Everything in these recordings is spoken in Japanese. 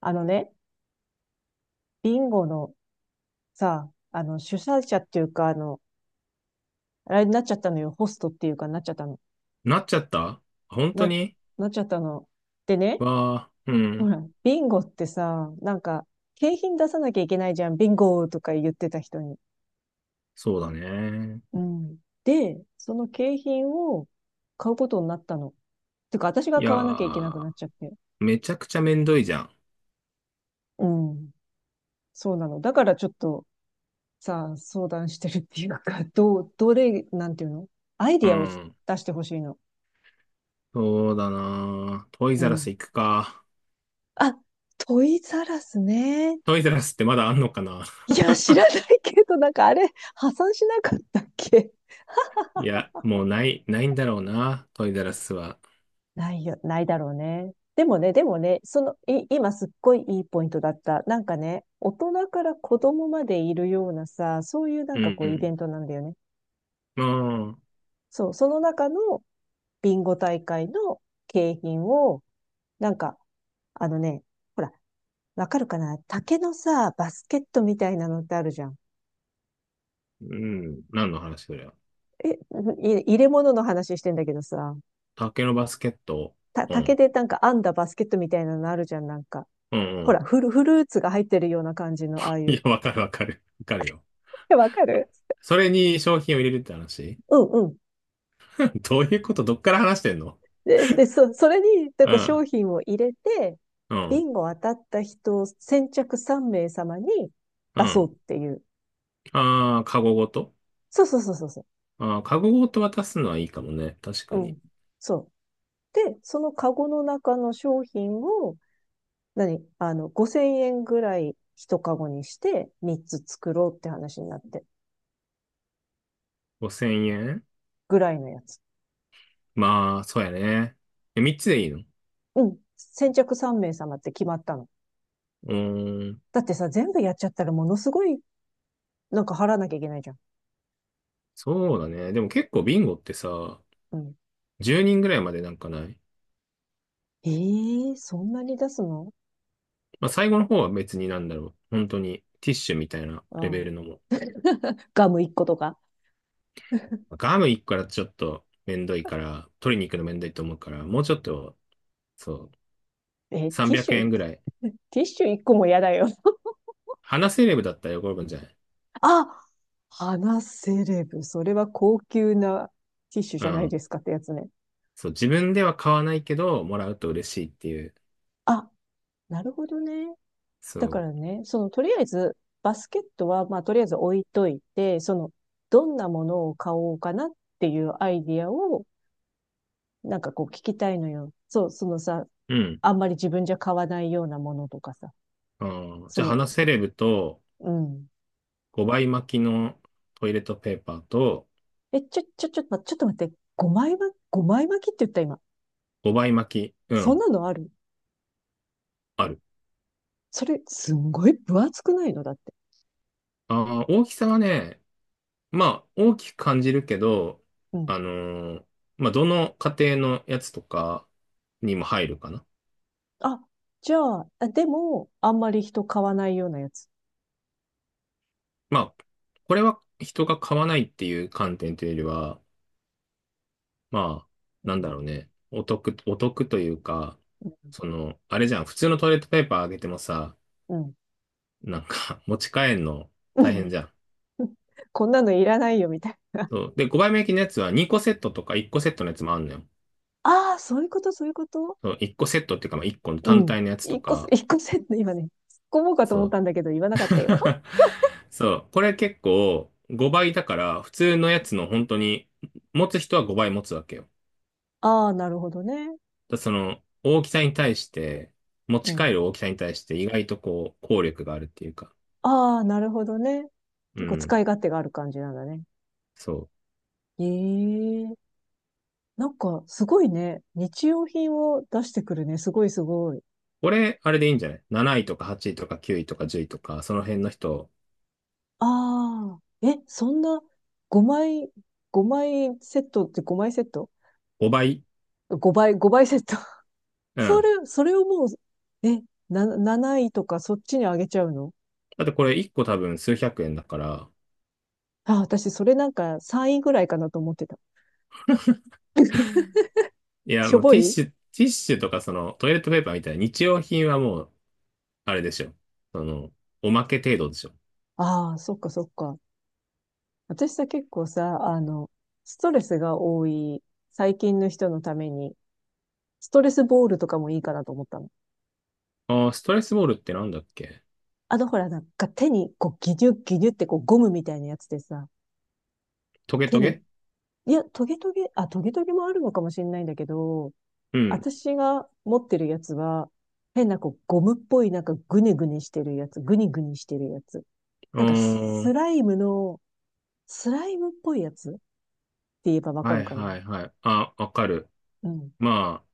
あのね、ビンゴのさ、主催者っていうか、あれになっちゃったのよ。ホストっていうかなっちゃったの。なっちゃった、本当な、に？なっちゃったの。でね、わあ、うほん。ら、ビンゴってさ、なんか、景品出さなきゃいけないじゃん。ビンゴとか言ってた人に。そうだね。うん。で、その景品を買うことになったの。てか、私いがや買わなきゃいけなくー、なっちゃって。めちゃくちゃめんどいじゃん。うん。そうなの。だからちょっと、さ、相談してるっていうか、どう、どれ、なんていうの？アイデうィアをん。出してほしいの。そうだな、トイうザらスん。行くか。あ、トイザらスね。トイザらスってまだあんのかな？ い や、知らないけど、なんかあれ、破産しなかったっけ？いや、もうない、ないんだろうな。トイザらスは。ないよ、ないだろうね。でもね、その、今すっごいいいポイントだった。なんかね、大人から子供までいるようなさ、そういうなんうかこうイベんントなんだよね。うん。ああ、そう、その中のビンゴ大会の景品を、なんか、あのね、ほら、わかるかな？竹のさ、バスケットみたいなのってあるじゃん。うん。何の話そりゃ。え、入れ物の話してんだけどさ、竹のバスケット。う竹ん。でなんか編んだバスケットみたいなのあるじゃん、なんか。うんうほん。ら、フルーツが入ってるような感じの、あ あいいや、う。わかるわかる。わかるよ。え、わかる？それに商品を入れるって話？ うんうん。どういうこと？どっから話してんの？で、それに、なんうかん。商品を入れて、うビん。ンゴ当たった人、先着3名様にう出そん。うっていう。ああ、カゴごと。そうそうそうそうそああー、カゴごと渡すのはいいかもね。確かう。うに。ん。そう。で、そのカゴの中の商品を、何5000円ぐらい一カゴにして3つ作ろうって話になって、5000円？ぐらいのやつ。まあ、そうやね。え、3つでいいの？ううん。先着3名様って決まったの。ーん。だってさ、全部やっちゃったらものすごい、なんか払わなきゃいけないじゃん。そうだね。でも結構ビンゴってさ、うん。10人ぐらいまでなんかない？ええー、そんなに出すの？まあ、最後の方は別になんだろう。本当にティッシュみたいなうレベん。ルのも。ガム一個とか。ガム1個からちょっとめんどいから、取りに行くのめんどいと思うから、もうちょっと、そう、えー、ティッ300シュ。円ぐらい。ティッシュ一個も嫌だよ。話せレベルだったら喜ぶんじゃない？あ、花セレブ。それは高級なティッシュうじゃないん。ですかってやつね。そう、自分では買わないけど、もらうと嬉しいっていう。あ、なるほどね。そだからね、その、とりあえず、バスケットは、まあ、とりあえず置いといて、その、どんなものを買おうかなっていうアイディアを、なんかこう聞きたいのよ。そう、そのさ、う。うん。あんまり自分じゃ買わないようなものとかさ。あー、そじゃあ、の、花セレブとうん。5倍巻きのトイレットペーパーと。え、ちょっと待って。5枚巻き、枚巻きって言った今。5倍巻き。うそんん。なのある？ある。それ、すんごい分厚くないのだって。ああ、大きさはね、まあ、大きく感じるけど、うん。あのーまあ、どの家庭のやつとかにも入るかな。あ、じゃあ、あでも、あんまり人買わないようなやつ。まあ、これは人が買わないっていう観点というよりは、まあ、うなんだん。ろうね。お得、お得というか、その、あれじゃん。普通のトイレットペーパーあげてもさ、うん。うん なんか 持ち帰るの大変じゃ ん。こんなのいらないよ、みたいな。そう。で、5倍目焼きのやつは2個セットとか1個セットのやつもあんのよ。ああ、そういうこと、そういうこと。そう、1個セットっていうか、まあ1個のう単ん。体のやつと一個、か、一個セット、今ね、突っ込もうかとそ思っう。たんだけど、言わなかったよ。そう。これ結構5倍だから、普通のやつの本当に、持つ人は5倍持つわけよ。ああ、なるほどね。だその、大きさに対して、持うち帰ん。る大きさに対して意外とこう、効力があるっていうか。ああ、なるほどね。う結構ん。使い勝手がある感じなんだね。そう。ええ、なんかすごいね。日用品を出してくるね。すごいすごい。俺、あれでいいんじゃない？ 7 位とか8位とか9位とか10位とか、その辺の人、ああ、え、そんな5枚、5枚セットって5枚セット 5倍。?5 倍、5倍セット。うそん。れ、それをもう、え、7位とかそっちに上げちゃうの？だってこれ1個多分数百円だから、あ、私それなんか3位ぐらいかなと思ってた。いや、しょもうぼティッい。シュ、ティッシュとかそのトイレットペーパーみたいな日用品はもう、あれでしょ。その、おまけ程度でしょ。ああ、そっかそっか。私さ、結構さ、ストレスが多い最近の人のために、ストレスボールとかもいいかなと思ったの。ああ、ストレスボールってなんだっけ？あの、ほら、なんか手に、こう、ギニュッギニュってこう、ゴムみたいなやつでさ、トゲ手トに、ゲ？いや、トゲトゲ、あ、トゲトゲもあるのかもしれないんだけど、うん。私が持ってるやつは、変なこう、ゴムっぽい、なんかグニグニしてるやつ、グニグニしてるやつ。うーなんかスん。ライムの、スライムっぽいやつって言えばわかはるいかな。はいはい。あ、わかる。うん。ま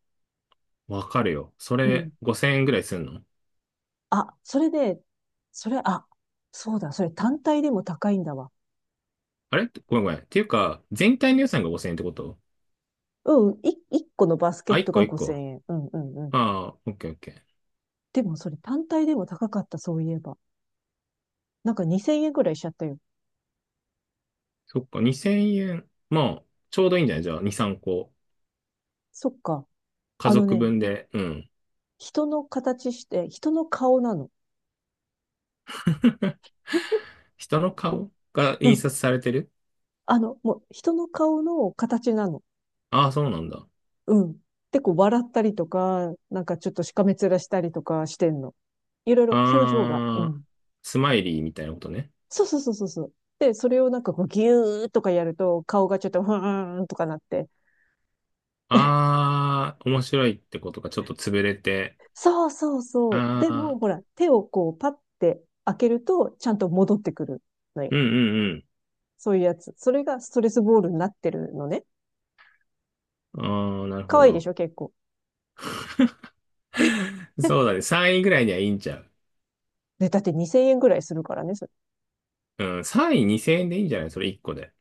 あ、わかるよ。そうれん。5000円ぐらいすんの？あ、それで、それ、あ、そうだ、それ単体でも高いんだわ。あれ、ごめんごめん。っていうか、全体の予算が5000円ってこと？うん、1個のバスケあ、ッ1ト個が1個。5000円。うん、うん、うん。ああ、オッケーオッケー。でもそれ単体でも高かった、そういえば。なんか2000円ぐらいしちゃったよ。そっか、2000円。まあ、ちょうどいいんじゃない？じゃあ、2、3個。そっか。家あの族ね、分で。うん。人の形して、人の顔なの。人の顔がう印ん。刷されてる？あの、もう人の顔の形なの。ああ、そうなんだ。うん。で、こう笑ったりとか、なんかちょっとしかめ面したりとかしてんの。いろいろ表情が。うああ、ん。スマイリーみたいなことね。そうそうそうそうそう。で、それをなんかこうギューとかやると顔がちょっとふーんとかなって。ああ、面白い、ってことがちょっと潰れて。そうそうそう。であも、ほあ、ら、手をこうパッて開けるとちゃんと戻ってくるのうんよ。うんそういうやつ。それがストレスボールになってるのね。うん。ああ、なる可ほ愛いでど。しょ、結構。そうだね。3位ぐらいにはいいんちゃう。ね、だって2000円ぐらいするからね。それうん、3位2000円でいいんじゃない？それ1個で。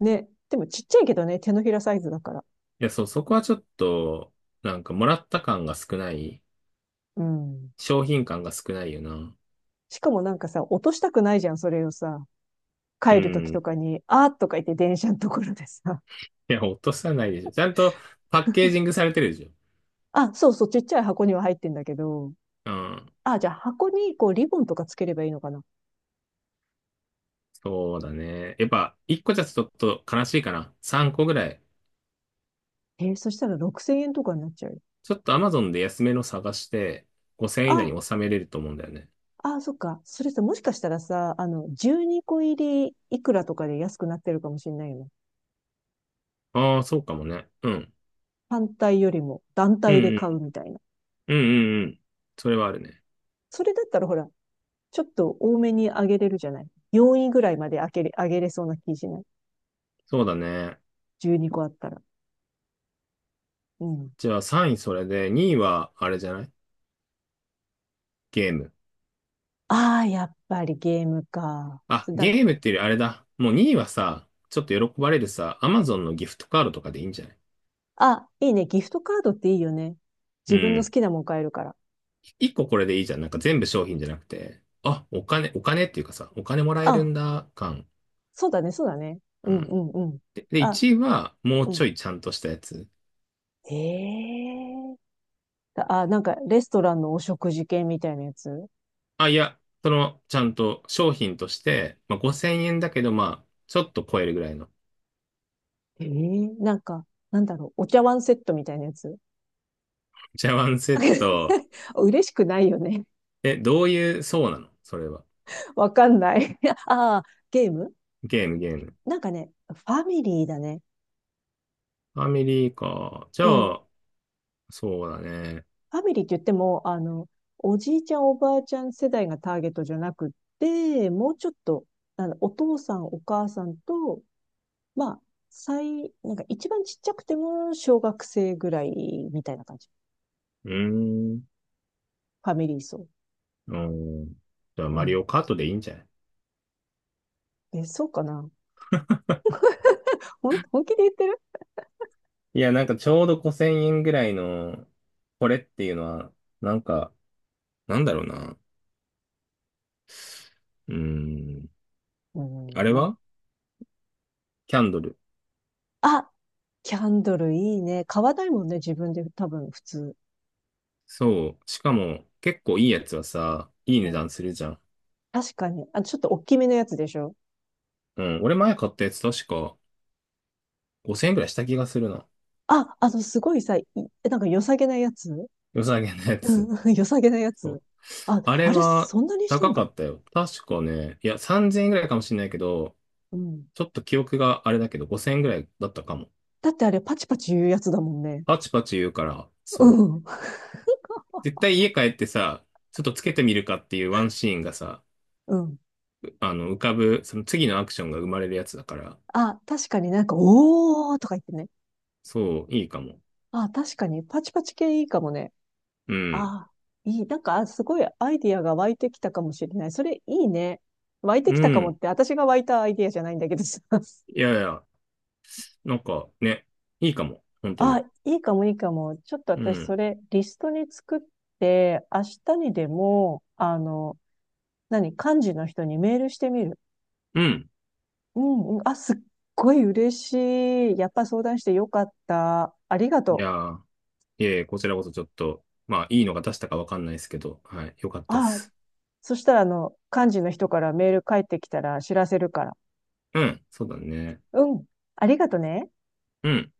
ね。でもちっちゃいけどね、手のひらサイズだから。いや、そう、そこはちょっと、なんかもらった感が少ない。うん。商品感が少ないよな。しかもなんかさ、落としたくないじゃん、それをさ。う帰る時ん。といかに、あーとか言って電車のところでさ。や、落とさないでしょ。ちゃんとパッケージングされてるでしょ。あ、そうそう、ちっちゃい箱には入ってんだけど、うん。あ、じゃあ箱にこうリボンとかつければいいのかな。そうだね。やっぱ、1個じゃちょっと悲しいかな。3個ぐらい。えー、そしたら6000円とかになっちゃうよ。ちょっと Amazon で安めの探して、5000以あ、内に収めれると思うんだよね。あ、そっか。それさ、もしかしたらさ、あの、12個入りいくらとかで安くなってるかもしれないよね。ああ、そうかもね。うん。単体よりも団うん体でう買うん。みたいな。うんうんうん。それはあるね。それだったらほら、ちょっと多めに上げれるじゃない。4位ぐらいまで上げれそうな気しない？そうだね。12個あったら。うん。じゃあ3位それで、2位はあれじゃない？ゲーム。ああ、やっぱりゲームか。あ、だ、ゲームっていうよりあれだ。もう2位はさ、ちょっと喜ばれるさ、Amazon のギフトカードとかでいいんじゃない？あ、いいね。ギフトカードっていいよね。う自分の好ん。きなもん買えるから。一個これでいいじゃん。なんか全部商品じゃなくて、あ、お金、お金っていうかさ、お金もらえるあ、んだ、感。そうだね、そうだね。ううんうん。んうん。で、あ、1位は、もううちん。ょいちゃんとしたやつ。ええ、あ、なんか、レストランのお食事券みたいなやつ？あ、いや、その、ちゃんと商品として、まあ、5000円だけど、まあ、ちょっと超えるぐらいの。ええ、なんか、なんだろう、お茶碗セットみたいなやつ。 茶碗セット？嬉しくないよね。え、どういう、そうなのそれは。わかんない。ああ、ゲーム。ゲーム、ゲーム。なんかね、ファミリーだね。ファミリーか。じゃうん。あ、そうだね。ファミリーって言っても、あの、おじいちゃん、おばあちゃん世代がターゲットじゃなくって、もうちょっと、あの、お父さん、お母さんとまあ、なんか一番ちっちゃくても小学生ぐらいみたいな感じ。うーん。ファミリー層。うん。じゃあ、うマリん。オカートでいいんじゃない？え、そうかな。本気で言ってる？いや、なんかちょうど5000円ぐらいの、これっていうのは、なんか、なんだろうな。うーん。うあん、れはキャンドル。あ、キャンドルいいね。買わないもんね、自分で多分普通。そう。しかも、結構いいやつはさ、いいう値ん。段するじゃん。確かに。あ、ちょっと大きめのやつでしょ？うん。俺前買ったやつ確か5000円ぐらいした気がするな。あ、あの、すごいさ、なんか良さげなやつ。良さげなやつ。うん 良さげなやそつ。う。あ、あれあれ、はそんなにした高んかだ。ったよ。確かね、いや、3000円ぐらいかもしれないけど、うん。ちょっと記憶があれだけど、5000円ぐらいだったかも。だってあれ、パチパチ言うやつだもんね。パチパチ言うから、うそう。ん。絶対家帰ってさ、ちょっとつけてみるかっていうワンシーンがさ、うん。うあの、浮かぶ、その次のアクションが生まれるやつだから、あ、確かになんか、おーとか言ってね。そう、いいかも。あ、確かに、パチパチ系いいかもね。うん。あ、いい。なんか、あすごいアイディアが湧いてきたかもしれない。それいいね。湧いてうきたかもん。って、私が湧いたアイディアじゃないんだけどさ。いやいや、なんかね、いいかも。本当あ、に。いいかもいいかも。ちょっとう私、そん。れ、リストに作って、明日にでも、あの、何、幹事の人にメールしてみる。うん。うん、うん。あ、すっごい嬉しい。やっぱ相談してよかった。ありがいやとー、いえいえ、こちらこそちょっと、まあ、いいのが出したかわかんないですけど、はい、よかっう。たっあ、す。そしたら、あの、幹事の人からメール返ってきたら知らせるから。うん、そうだね。うん。ありがとね。うん。